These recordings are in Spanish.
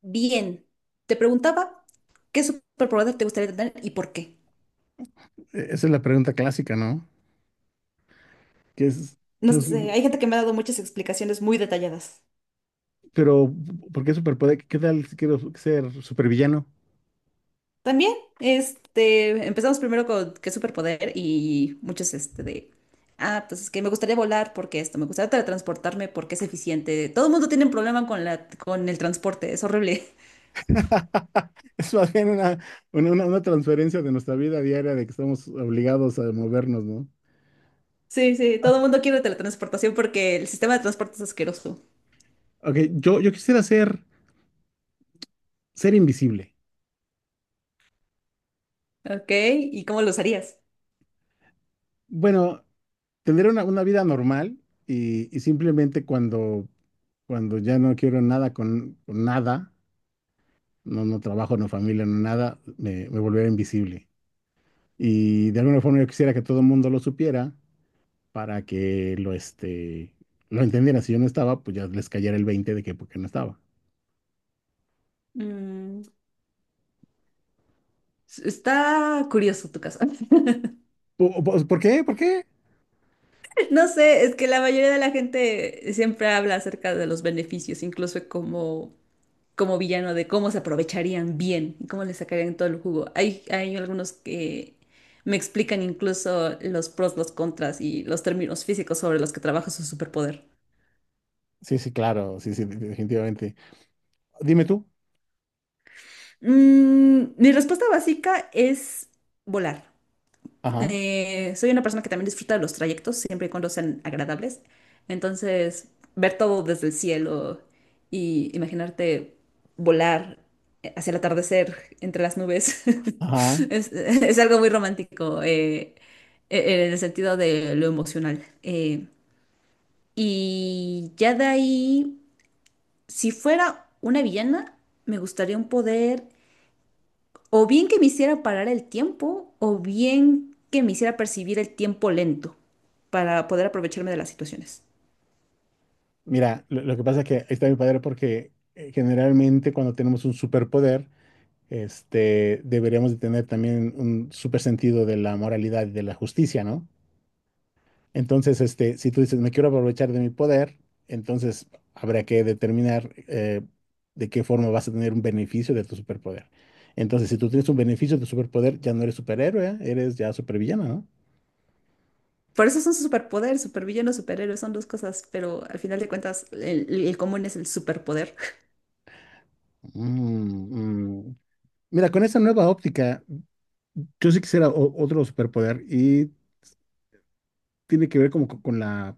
Bien, te preguntaba qué superpoder te gustaría tener y por qué. Esa es la pregunta clásica, ¿no? ¿Qué es, No sé, hay gente que me ha dado muchas explicaciones muy detalladas. pero, ¿por qué superpoder? ¿Qué tal si quiero ser supervillano? También, empezamos primero con qué superpoder y muchos, pues es que me gustaría volar porque esto, me gustaría teletransportarme porque es eficiente. Todo el mundo tiene un problema con el transporte, es horrible. Es más bien una transferencia de nuestra vida diaria de que estamos obligados a movernos, ¿no? Sí, sí, todo el mundo quiere teletransportación porque el sistema de transporte es asqueroso. Ok, yo quisiera ser invisible. Ok, ¿y cómo lo usarías? Bueno, tener una vida normal y simplemente cuando ya no quiero nada con nada, no, no trabajo, no familia, no nada, me volveré invisible. Y de alguna forma yo quisiera que todo el mundo lo supiera para que lo entendieran. Si yo no estaba, pues ya les cayera el 20 de que por qué no estaba. Mm, Está curioso tu caso. ¿Por, qué? ¿Por qué? No sé, es que la mayoría de la gente siempre habla acerca de los beneficios, incluso como villano, de cómo se aprovecharían bien y cómo le sacarían todo el jugo. Hay algunos que me explican incluso los pros, los contras y los términos físicos sobre los que trabaja su superpoder. Sí, sí, claro, sí, sí, definitivamente. Dime tú. Mi respuesta básica es volar. Ajá, Soy una persona que también disfruta de los trayectos, siempre y cuando sean agradables. Entonces, ver todo desde el cielo y imaginarte volar hacia el atardecer entre las nubes ajá. es algo muy romántico en el sentido de lo emocional. Y ya de ahí, si fuera una villana, me gustaría un poder. O bien que me hiciera parar el tiempo, o bien que me hiciera percibir el tiempo lento para poder aprovecharme de las situaciones. Mira, lo que pasa es que ahí está mi padre porque generalmente cuando tenemos un superpoder, deberíamos de tener también un super sentido de la moralidad y de la justicia, ¿no? Entonces, si tú dices, me quiero aprovechar de mi poder, entonces habrá que determinar de qué forma vas a tener un beneficio de tu superpoder. Entonces, si tú tienes un beneficio de tu superpoder, ya no eres superhéroe, eres ya supervillano, ¿no? Por eso son superpoder, supervillano, superhéroe, son dos cosas, pero al final de cuentas el común es el superpoder. Mm, mm. Mira, con esa nueva óptica, yo sí quisiera otro superpoder y tiene que ver como con la,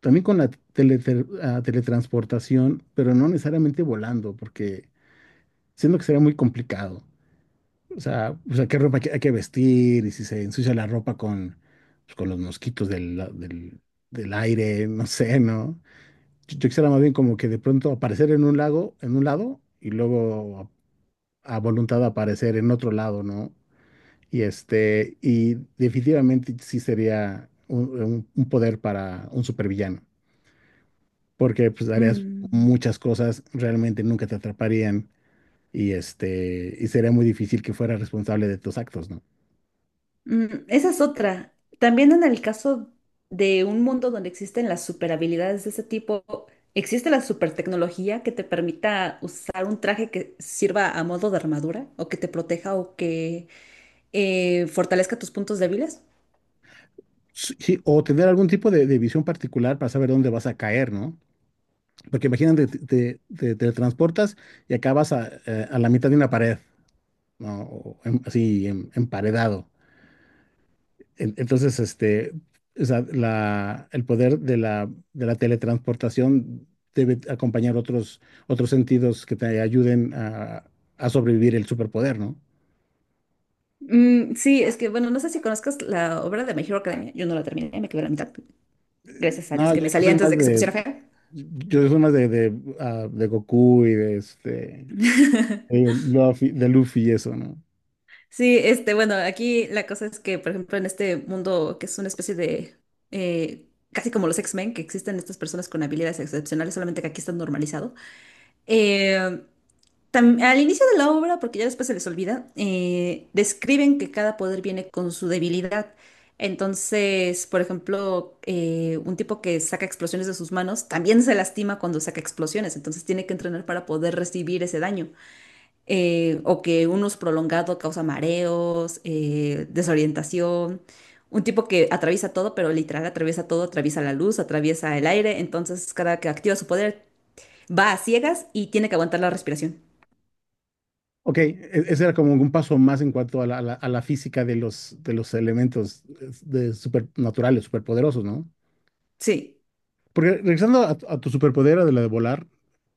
también con la teletransportación, pero no necesariamente volando, porque siento que sería muy complicado. O sea, qué ropa hay que vestir y si se ensucia la ropa con, pues, con los mosquitos del aire, no sé, ¿no? Yo quisiera más bien como que de pronto aparecer en un lago, en un lado, y luego a voluntad aparecer en otro lado, ¿no? Y este, y definitivamente sí sería un, un poder para un supervillano, porque pues harías Mm. muchas cosas, realmente nunca te atraparían, y este, y sería muy difícil que fueras responsable de tus actos, ¿no? Esa es otra. También en el caso de un mundo donde existen las superhabilidades de ese tipo, ¿existe la supertecnología que te permita usar un traje que sirva a modo de armadura o que te proteja o que fortalezca tus puntos débiles? Sí, sí, o tener algún tipo de visión particular para saber dónde vas a caer, ¿no? Porque imagínate, te teletransportas y acabas a la mitad de una pared, ¿no? O así emparedado. Entonces, o sea, la, el poder de la teletransportación debe acompañar otros sentidos que te ayuden a sobrevivir el superpoder, ¿no? Mm, sí, es que bueno, no sé si conozcas la obra de My Hero Academia. Yo no la terminé, me quedé a la mitad. Gracias a Dios No, que yo, me yo salí soy antes más de que se de, pusiera fea. yo soy más de Goku y de este. Digo, de Luffy y eso, ¿no? Sí, bueno, aquí la cosa es que, por ejemplo, en este mundo que es una especie de, eh, casi como los X-Men, que existen estas personas con habilidades excepcionales, solamente que aquí está normalizado. Eh, Al inicio de la obra, porque ya después se les olvida, describen que cada poder viene con su debilidad. Entonces, por ejemplo, un tipo que saca explosiones de sus manos también se lastima cuando saca explosiones, entonces tiene que entrenar para poder recibir ese daño o que un uso prolongado causa mareos, desorientación. Un tipo que atraviesa todo, pero literal atraviesa todo, atraviesa la luz, atraviesa el aire, entonces cada que activa su poder va a ciegas y tiene que aguantar la respiración. Ok, ese era como un paso más en cuanto a la, a la física de los elementos de supernaturales, superpoderosos, ¿no? Sí, Porque regresando a tu superpoder, de la de volar,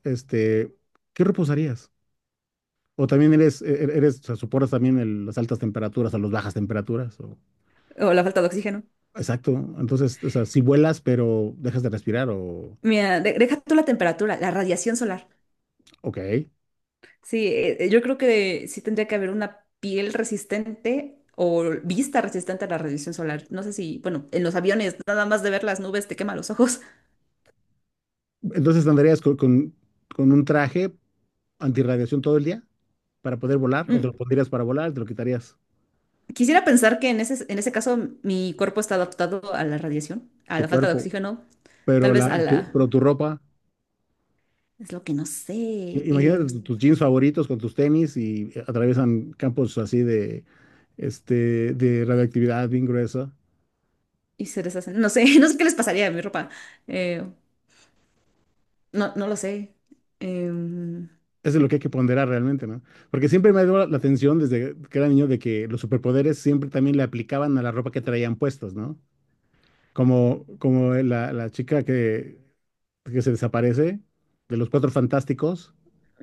este, ¿qué reposarías? O también eres, eres, o sea, soportas también las altas temperaturas o las bajas temperaturas. O- o la falta de oxígeno. Exacto. Entonces, o sea, si vuelas, pero dejas de respirar, o... Mira, deja tú la temperatura, la radiación solar. Ok. Sí, yo creo que sí tendría que haber una piel resistente o vista resistente a la radiación solar. No sé si, bueno, en los aviones nada más de ver las nubes te quema los ojos. Entonces andarías con un traje antirradiación todo el día, para poder volar, o te lo pondrías para volar, te lo quitarías Quisiera pensar que en ese caso mi cuerpo está adaptado a la radiación, a tu la falta de cuerpo, oxígeno, tal pero, vez la, a tu, la. pero tu ropa, Es lo que no sé. Imagínate eh, tus jeans favoritos con tus tenis y atraviesan campos así de, este, de radioactividad bien gruesa. y se deshacen. No sé, no sé qué les pasaría a mi ropa. eh, no, no lo sé. em, Eso es lo que hay que ponderar realmente, ¿no? Porque siempre me ha dado la atención desde que era niño de que los superpoderes siempre también le aplicaban a la ropa que traían puestos, ¿no? Como, como la chica que se desaparece de los Cuatro Fantásticos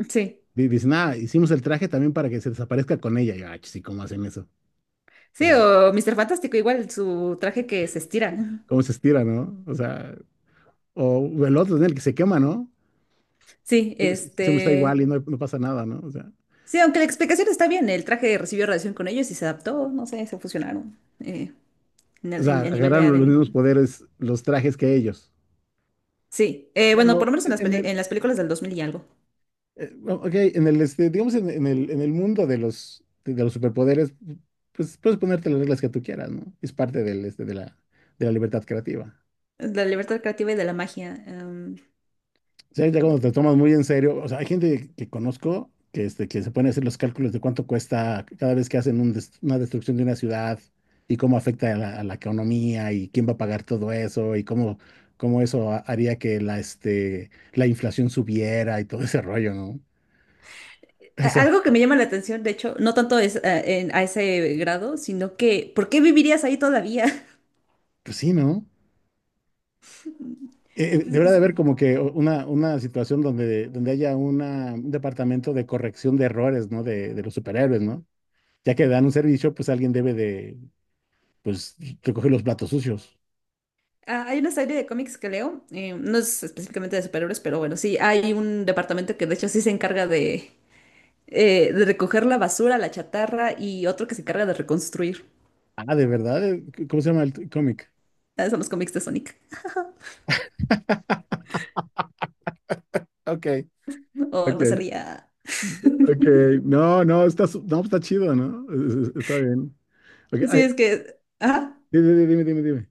sí. Dice, nada, hicimos el traje también para que se desaparezca con ella. Y yo, ay, sí, ¿cómo hacen eso? O Sí, sea, o Mr. Fantástico, igual su traje que se estira. ¿cómo se estira, no? O sea, o el otro, en el que se quema, ¿no? Sí, Siempre siempre está igual y no, no pasa nada, ¿no? Sí, aunque la explicación está bien, el traje recibió radiación con ellos y se adaptó, no sé, se fusionaron O sea, a nivel de agarraron los ADN. mismos poderes, los trajes que ellos. Sí, bueno, por Bueno, lo menos en las, peli- en las películas del 2000 y algo. Ok, en el, este, digamos, en el mundo de los superpoderes, pues puedes ponerte las reglas que tú quieras, ¿no? Es parte del, este, de la libertad creativa. La libertad creativa y de la magia. Sea, ya cuando te tomas muy en serio, o sea, hay gente que conozco que se pone a hacer los cálculos de cuánto cuesta cada vez que hacen un una destrucción de una ciudad y cómo afecta a la economía y quién va a pagar todo eso y cómo, cómo eso haría que la, este, la inflación subiera y todo ese rollo, ¿no? O sea, Algo que me llama la atención, de hecho, no tanto es a ese grado, sino que, ¿por qué vivirías ahí todavía? pues sí, ¿no? Sí, Debería de sí. haber como que una situación donde, donde haya una, un departamento de corrección de errores, ¿no? De los superhéroes, ¿no? Ya que dan un servicio, pues alguien debe de, pues recoge los platos sucios. Ah, hay una serie de cómics que leo, no es específicamente de superhéroes, pero bueno, sí, hay un departamento que de hecho sí se encarga de recoger la basura, la chatarra y otro que se encarga de reconstruir. Ah, ¿de verdad? ¿Cómo se llama el cómic? Ah, son los cómics de Sonic. Ok. O no Ok, sería. ok. No, no, está, no, está chido, ¿no? Está bien. Ok, Sí, ay, es que. Ajá. dime, dime, dime, dime.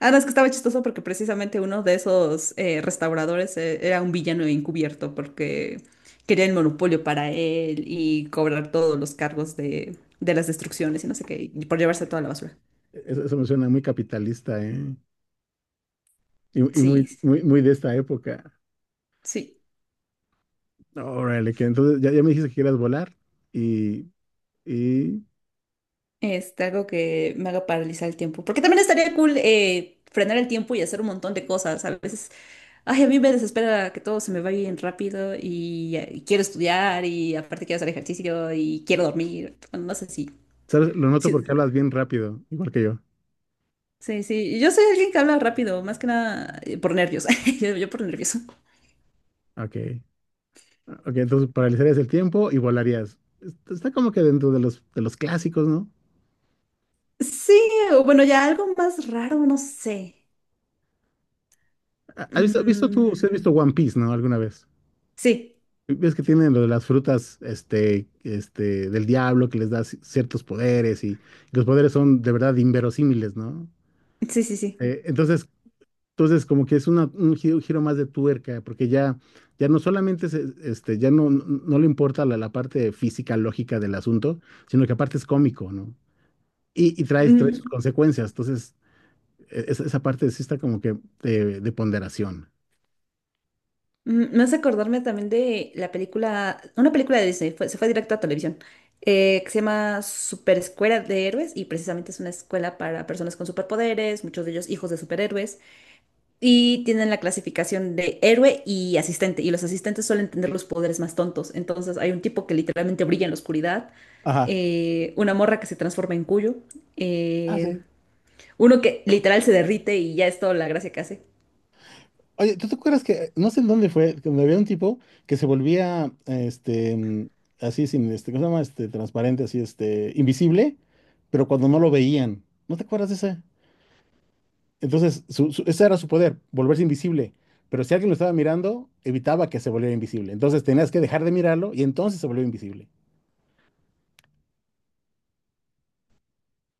Ah, no, es que estaba chistoso porque precisamente uno de esos restauradores era un villano encubierto porque quería el monopolio para él y cobrar todos los cargos de las destrucciones y no sé qué, y por llevarse toda la basura. E, eso me suena muy capitalista, ¿eh? Y Sí, muy, muy, muy de esta época. sí, Órale, que entonces ya, ya me dijiste que quieras volar y, y, algo que me haga paralizar el tiempo. Porque también estaría cool frenar el tiempo y hacer un montón de cosas. A veces, ay, a mí me desespera que todo se me va bien rápido y, quiero estudiar y aparte quiero hacer ejercicio y quiero dormir. Bueno, no sé si. ¿sabes? Lo noto Sí, porque hablas bien rápido, igual que yo. sí, sí, yo soy alguien que habla rápido, más que nada por nervios, yo por nervioso. Ok. Ok, entonces paralizarías el tiempo y volarías. Está está como que dentro de los clásicos, ¿no? Sí, o bueno, ya algo más raro, no sé. Has visto Mm, tú, si has visto One Piece, ¿no? Alguna vez. sí, Ves que tienen lo de las frutas, este, del diablo que les da ciertos poderes y, los poderes son de verdad inverosímiles, ¿no? sí, sí, sí. Entonces, entonces como que es un giro, giro más de tuerca, porque ya, ya no solamente ya no, no le importa la, la parte física, lógica del asunto, sino que aparte es cómico, ¿no? Y trae, trae sus Mm, consecuencias. Entonces, esa, esa parte sí está como que de ponderación. Me hace acordarme también de la película, una película de Disney, se fue directo a televisión, que se llama Super Escuela de Héroes y precisamente es una escuela para personas con superpoderes, muchos de ellos hijos de superhéroes. Y tienen la clasificación de héroe y asistente. Y los asistentes suelen tener los poderes más tontos. Entonces hay un tipo que literalmente brilla en la oscuridad. Ajá. Una morra que se transforma en cuyo. Ah, eh, sí. Uno que literal se derrite y ya es toda la gracia que hace. Oye, ¿tú te acuerdas que, no sé en dónde fue, donde había un tipo que se volvía, este, mm, así sin, este, ¿cómo se llama? Este, transparente, así, este, invisible, pero cuando no lo veían. ¿No te acuerdas de ese? Entonces, su, ese era su poder, volverse invisible. Pero si alguien lo estaba mirando, evitaba que se volviera invisible. Entonces tenías que dejar de mirarlo y entonces se volvió invisible.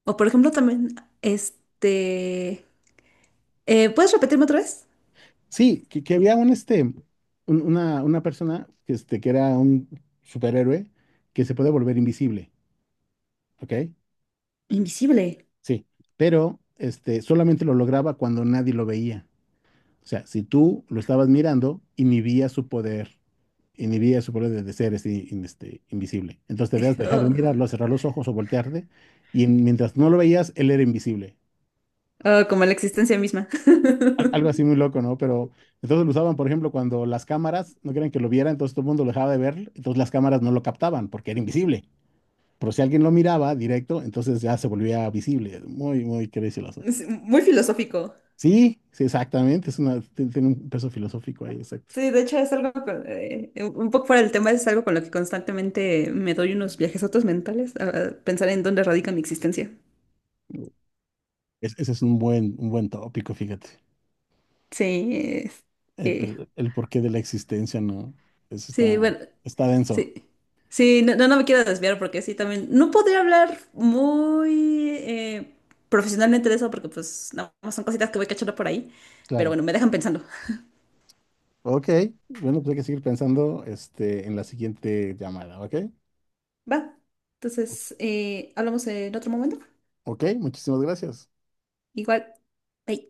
O por ejemplo también. este... ¿Puedes repetirme otra vez? Sí, que había un, este, un- una persona que, este, que era un superhéroe que se puede volver invisible, ¿ok? Invisible. Sí, pero este, solamente lo lograba cuando nadie lo veía. O sea, si tú lo estabas mirando, inhibía su poder de ser así, invisible. Entonces te debías dejar de Oh, mirarlo, cerrar los ojos o voltearte, y mientras no lo veías, él era invisible. oh, como la existencia misma. Algo así muy loco, ¿no? Pero entonces lo usaban, por ejemplo, cuando las cámaras no querían que lo viera, entonces todo el mundo lo dejaba de ver, entonces las cámaras no lo captaban porque era invisible. Pero si alguien lo miraba directo, entonces ya se volvía visible. Muy, muy crazy el asunto. Es muy filosófico. Sí, sí, exactamente. Es una, tiene un peso filosófico ahí, exacto. Sí, de hecho es algo, un poco fuera del tema, es algo con lo que constantemente me doy unos viajes viajesotos mentales a pensar en dónde radica mi existencia. Ese es un buen tópico, fíjate. Sí, es- El, eh, el porqué de la existencia, ¿no? Eso sí, está, bueno, está denso. sí. Sí, no, no, no me quiero desviar porque sí, también no podría hablar muy profesionalmente de eso porque pues nada más son cositas que voy cachando por ahí, pero Claro. bueno, me dejan pensando. Ok. Bueno, pues hay que seguir pensando, este, en la siguiente llamada, ¿ok? Va, entonces hablamos en otro momento. Ok, muchísimas gracias. Igual. Bye.